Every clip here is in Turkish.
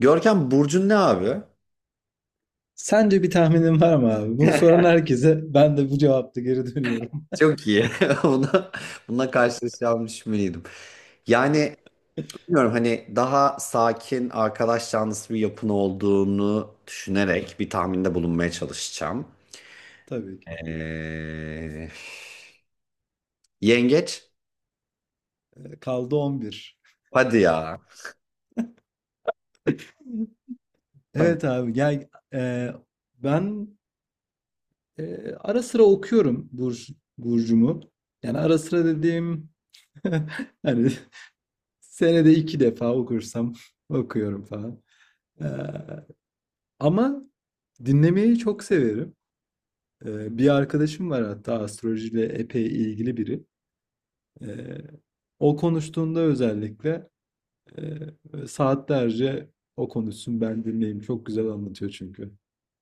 Görkem burcun ne abi? Sence bir tahminin var mı abi? Bunu soran herkese ben de bu cevapta geri dönüyorum. Çok iyi. Buna, bununla karşılaşacağımı düşünmeliydim. Yani bilmiyorum, hani daha sakin arkadaş canlısı bir yapın olduğunu düşünerek bir tahminde bulunmaya çalışacağım. Tabii ki. Ee, yengeç? Kaldı 11. Hadi ya. Tamam. Evet abi gel, ben, ara sıra okuyorum Burcu'mu. Yani ara sıra dediğim hani senede iki defa okursam okuyorum falan. E, Ama dinlemeyi çok severim. Bir arkadaşım var hatta astrolojiyle epey ilgili biri. E, O konuştuğunda özellikle saatlerce o konuşsun ben dinleyeyim. Çok güzel anlatıyor çünkü.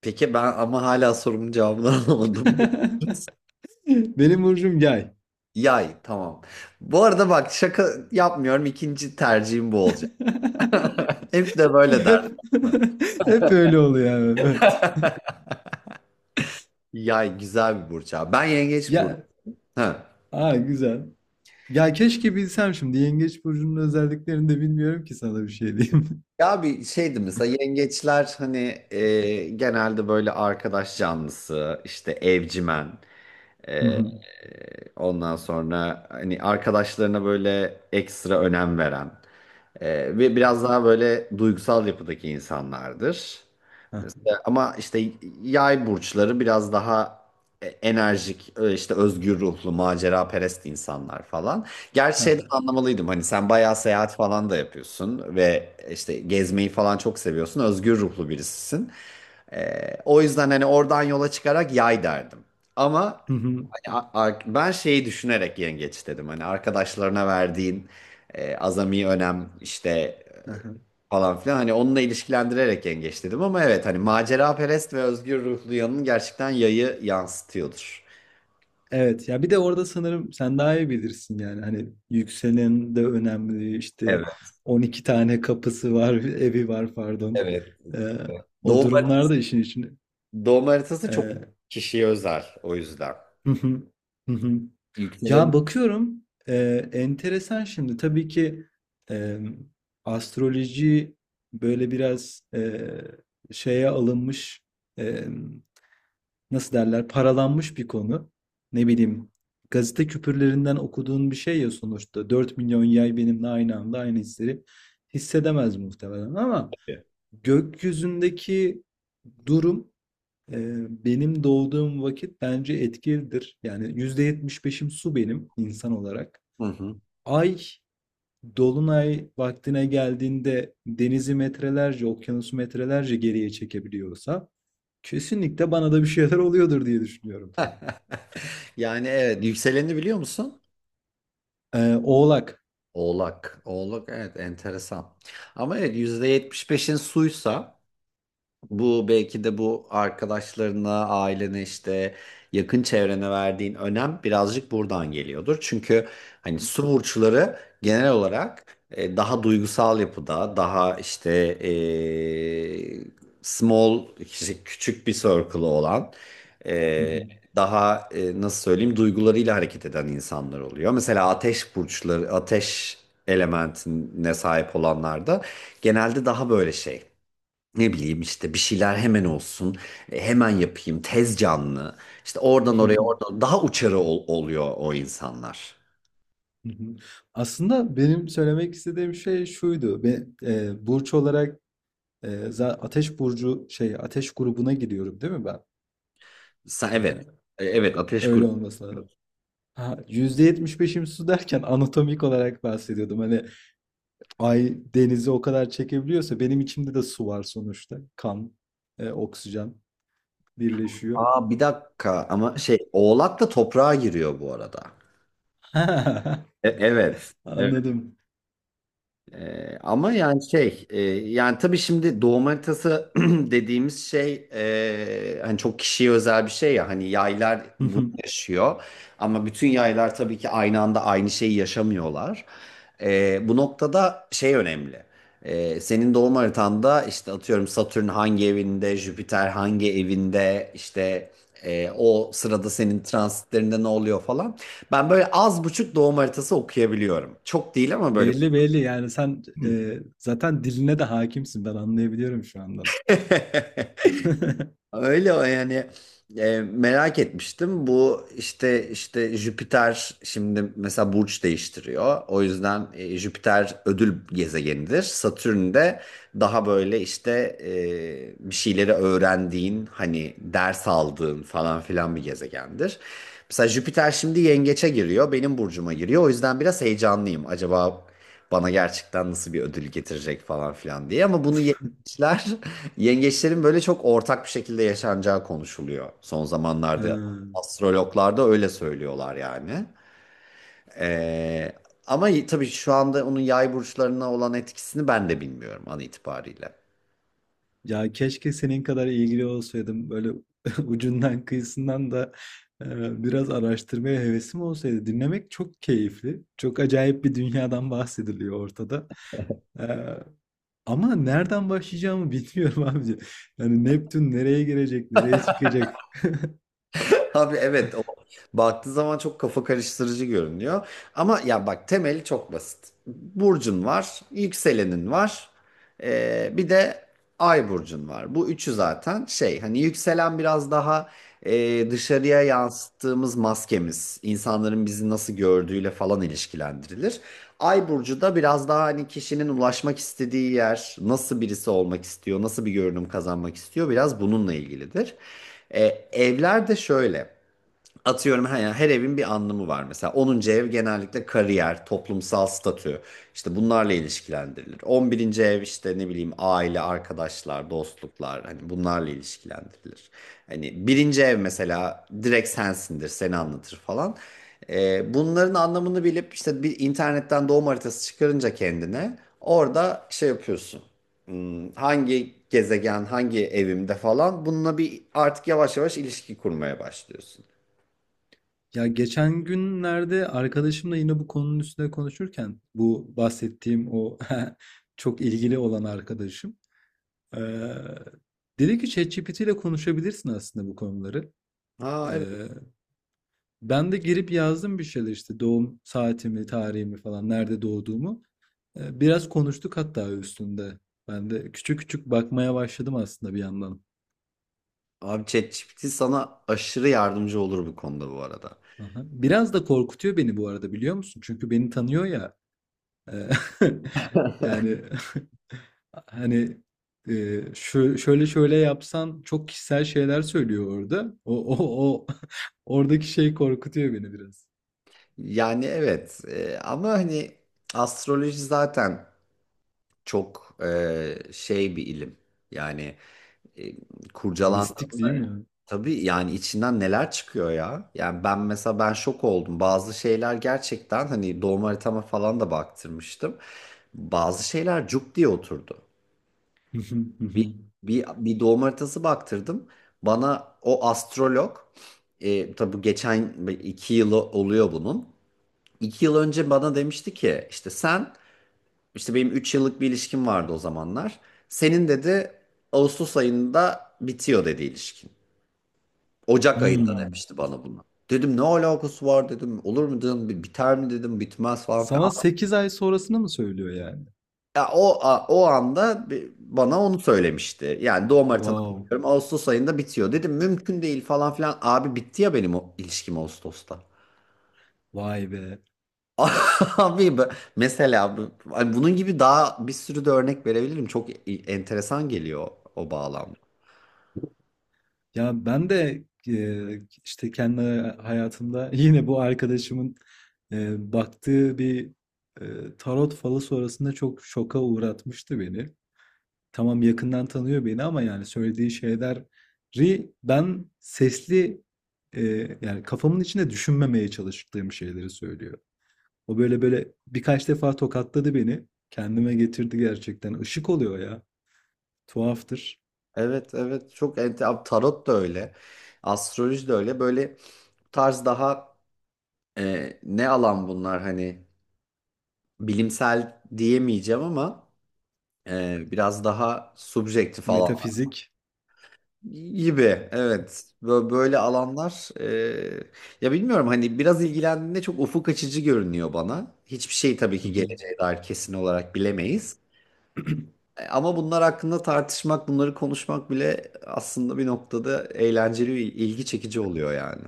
Peki ben ama hala sorumun cevabını alamadım. Benim burcum yay. Yay, tamam. Bu arada bak, şaka yapmıyorum. İkinci tercihim bu olacak. Hep de böyle derler. Hep hep öyle oluyor yani. Evet. Yay güzel bir burç abi. Ben yengeç burcu. Ya, Ha. aa güzel. Ya keşke bilsem, şimdi yengeç burcunun özelliklerini de bilmiyorum ki sana bir şey diyeyim. Ya bir şeydi, mesela yengeçler hani genelde böyle arkadaş canlısı, işte evcimen, e, Hı e, hı. ondan sonra hani arkadaşlarına böyle ekstra önem veren ve biraz daha böyle duygusal yapıdaki insanlardır. Ama işte yay burçları biraz daha enerjik, işte özgür ruhlu, maceraperest insanlar falan. Gerçi şeyden Hı anlamalıydım, hani sen bayağı seyahat falan da yapıyorsun ve işte gezmeyi falan çok seviyorsun. Özgür ruhlu birisisin. O yüzden hani oradan yola çıkarak yay derdim. Ama hı. hani ben şeyi düşünerek yengeç dedim. Hani arkadaşlarına verdiğin azami önem, işte Hı hı. falan filan. Hani onunla ilişkilendirerek yengeç dedim, ama evet, hani maceraperest ve özgür ruhlu yanın gerçekten yayı yansıtıyordur. Evet ya, bir de orada sanırım sen daha iyi bilirsin yani, hani yükselen de önemli işte, Evet, 12 tane kapısı var evi var pardon. evet. Ee, O Doğum, durumlarda işin için doğum haritası çok kişiye özel, o yüzden. Yükseleni. ya bakıyorum, enteresan şimdi tabii ki, e, astroloji böyle biraz şeye alınmış, e, nasıl derler, paralanmış bir konu. Ne bileyim, gazete küpürlerinden okuduğun bir şey ya sonuçta. 4 milyon yay benimle aynı anda aynı hisleri hissedemez muhtemelen, ama gökyüzündeki durum, benim doğduğum vakit bence etkilidir. Yani yüzde yetmiş beşim su benim insan olarak. Hı hı. Ay dolunay vaktine geldiğinde denizi metrelerce, okyanusu metrelerce geriye çekebiliyorsa kesinlikle bana da bir şeyler oluyordur diye düşünüyorum. Yani evet, yükseleni biliyor musun? Oğlak. Oğlak. Oğlak, evet, enteresan. Ama evet, %75'in suysa, bu belki de bu arkadaşlarına, ailene, işte yakın çevrene verdiğin önem birazcık buradan geliyordur. Çünkü hani su burçları genel olarak daha duygusal yapıda, daha işte e, small, işte küçük bir circle'ı olan, Hı e, hı. daha nasıl söyleyeyim, duygularıyla hareket eden insanlar oluyor. Mesela ateş burçları, ateş elementine sahip olanlar da genelde daha böyle şey, ne bileyim, işte bir şeyler hemen olsun, hemen yapayım, tez canlı. İşte oradan oraya, oradan daha uçarı oluyor o insanlar. Aslında benim söylemek istediğim şey şuydu. Ve burç olarak, ateş burcu, şey, ateş grubuna giriyorum değil mi ben? Sen, Eee, evet. Evet, ateş Öyle grubu. olması lazım. Ha, %75'im su derken anatomik olarak bahsediyordum. Hani ay denizi o kadar çekebiliyorsa benim içimde de su var sonuçta. Kan, oksijen birleşiyor. Aa, bir dakika, ama şey, Oğlak da toprağa giriyor bu arada. E, evet. Ha, Evet. anladım. Ama yani şey, yani tabii, şimdi doğum haritası dediğimiz şey hani çok kişiye özel bir şey ya, hani yaylar bunu yaşıyor ama bütün yaylar tabii ki aynı anda aynı şeyi yaşamıyorlar. Bu noktada şey önemli. Senin doğum haritanda işte atıyorum Satürn hangi evinde, Jüpiter hangi evinde, işte o sırada senin transitlerinde ne oluyor falan. Ben böyle az buçuk doğum haritası okuyabiliyorum. Çok değil, ama böyle. Belli belli, yani sen, zaten diline de hakimsin, ben anlayabiliyorum şu andan. Öyle o, yani. Merak etmiştim. Bu işte, işte Jüpiter şimdi mesela burç değiştiriyor. O yüzden Jüpiter ödül gezegenidir. Satürn de daha böyle, işte e, bir şeyleri öğrendiğin, hani ders aldığın falan filan bir gezegendir. Mesela Jüpiter şimdi yengeçe giriyor, benim burcuma giriyor. O yüzden biraz heyecanlıyım. Acaba bana gerçekten nasıl bir ödül getirecek falan filan diye. Ama bunu yengeçler, yengeçlerin böyle çok ortak bir şekilde yaşanacağı konuşuluyor. Son Ha. zamanlarda astrologlar da öyle söylüyorlar yani. Ee, ama tabii şu anda onun yay burçlarına olan etkisini ben de bilmiyorum an itibariyle. Ya keşke senin kadar ilgili olsaydım, böyle ucundan kıyısından da biraz araştırmaya hevesim olsaydı. Dinlemek çok keyifli. Çok acayip bir dünyadan bahsediliyor ortada. E, Ama nereden başlayacağımı bilmiyorum abici. Yani Neptün nereye girecek, nereye çıkacak? Abi evet, o baktığı zaman çok kafa karıştırıcı görünüyor. Ama ya bak, temeli çok basit. Burcun var, yükselenin var, bir de ay burcun var. Bu üçü zaten şey, hani yükselen biraz daha dışarıya yansıttığımız maskemiz, insanların bizi nasıl gördüğüyle falan ilişkilendirilir. Ay burcu da biraz daha hani kişinin ulaşmak istediği yer, nasıl birisi olmak istiyor, nasıl bir görünüm kazanmak istiyor, biraz bununla ilgilidir. E, evler de şöyle. Atıyorum her, yani her evin bir anlamı var mesela. 10. ev genellikle kariyer, toplumsal statü, işte bunlarla ilişkilendirilir. 11. ev işte ne bileyim, aile, arkadaşlar, dostluklar, hani bunlarla ilişkilendirilir. Hani birinci ev mesela direkt sensindir, seni anlatır falan. Bunların anlamını bilip, işte bir internetten doğum haritası çıkarınca kendine orada şey yapıyorsun. Hangi gezegen, hangi evimde falan, bununla bir artık yavaş yavaş ilişki kurmaya başlıyorsun. Ya geçen günlerde arkadaşımla yine bu konunun üstüne konuşurken, bu bahsettiğim o çok ilgili olan arkadaşım eee dedi ki ChatGPT ile konuşabilirsin aslında bu konuları. Aa, evet. Eee, Ben de girip yazdım bir şeyler, işte doğum saatimi, tarihimi falan, nerede doğduğumu. Biraz konuştuk hatta üstünde. Ben de küçük küçük bakmaya başladım aslında bir yandan. Abi, ChatGPT sana aşırı yardımcı olur bu konuda bu arada. Aha. Biraz da korkutuyor beni bu arada, biliyor musun? Çünkü beni tanıyor ya. Eee, yani, hani, şö şöyle şöyle yapsan çok kişisel şeyler söylüyor orada. O o o oradaki şey korkutuyor beni biraz. Yani evet, ama hani astroloji zaten çok, şey bir ilim. Yani e, Mistik değil kurcalandığında mi ya? tabii, yani içinden neler çıkıyor ya. Yani ben şok oldum. Bazı şeyler gerçekten, hani doğum haritama falan da baktırmıştım. Bazı şeyler cuk diye oturdu. Bir, Hı. bir doğum haritası baktırdım. Bana o astrolog, tabi bu geçen 2 yıl oluyor bunun. 2 yıl önce bana demişti ki, işte sen, işte benim 3 yıllık bir ilişkim vardı o zamanlar. Senin dedi, Ağustos ayında bitiyor dedi ilişkin. Ocak ayında demişti bana bunu. Dedim ne alakası var dedim. Olur mu dedim. Biter mi dedim. Bitmez falan filan. Sana 8 ay sonrasını mı söylüyor yani? Ya o o anda bana onu söylemişti. Yani doğum haritana Wow, bakıyorum. Ağustos ayında bitiyor. Dedim mümkün değil, falan filan. Abi bitti ya benim o ilişkim Ağustos'ta. vay be! Abi mesela hani bunun gibi daha bir sürü de örnek verebilirim. Çok enteresan geliyor o bağlam. Ya, ben de, işte, kendi hayatımda yine bu arkadaşımın, baktığı bir, tarot falı sonrasında çok şoka uğratmıştı beni. Tamam, yakından tanıyor beni, ama yani söylediği şeyleri ben sesli, e, yani kafamın içinde düşünmemeye çalıştığım şeyleri söylüyor. O böyle böyle birkaç defa tokatladı beni. Kendime getirdi gerçekten. Işık oluyor ya. Tuhaftır. Evet, evet, çok abi, tarot da öyle. Astroloji de öyle. Böyle bu tarz daha ne alan bunlar, hani bilimsel diyemeyeceğim ama biraz daha subjektif alan. Metafizik. Gibi, evet. Böyle alanlar, ya bilmiyorum, hani biraz ilgilendiğinde çok ufuk açıcı görünüyor bana. Hiçbir şey tabii Hı ki hı. geleceğe dair kesin olarak bilemeyiz. Ama bunlar hakkında tartışmak, bunları konuşmak bile aslında bir noktada eğlenceli, ilgi çekici oluyor yani.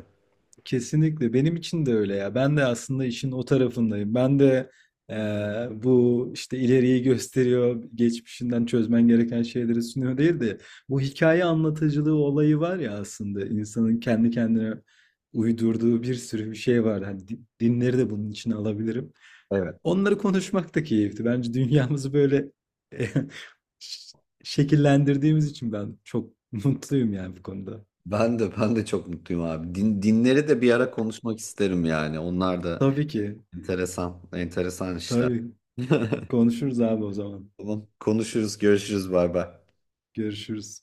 Kesinlikle benim için de öyle ya. Ben de aslında işin o tarafındayım. Ben de bu işte ileriyi gösteriyor, geçmişinden çözmen gereken şeyleri sunuyor değil de, bu hikaye anlatıcılığı olayı var ya, aslında insanın kendi kendine uydurduğu bir sürü bir şey var. Hani dinleri de bunun için alabilirim. Evet. Onları konuşmak da keyifli. Bence dünyamızı böyle ş- şekillendirdiğimiz için ben çok mutluyum yani bu konuda. Ben de çok mutluyum abi. Dinleri de bir ara konuşmak isterim yani. Onlar da Tabii ki. enteresan, enteresan işler. Tabii. Konuşuruz abi o zaman. Tamam, konuşuruz, görüşürüz, bay bay. Görüşürüz.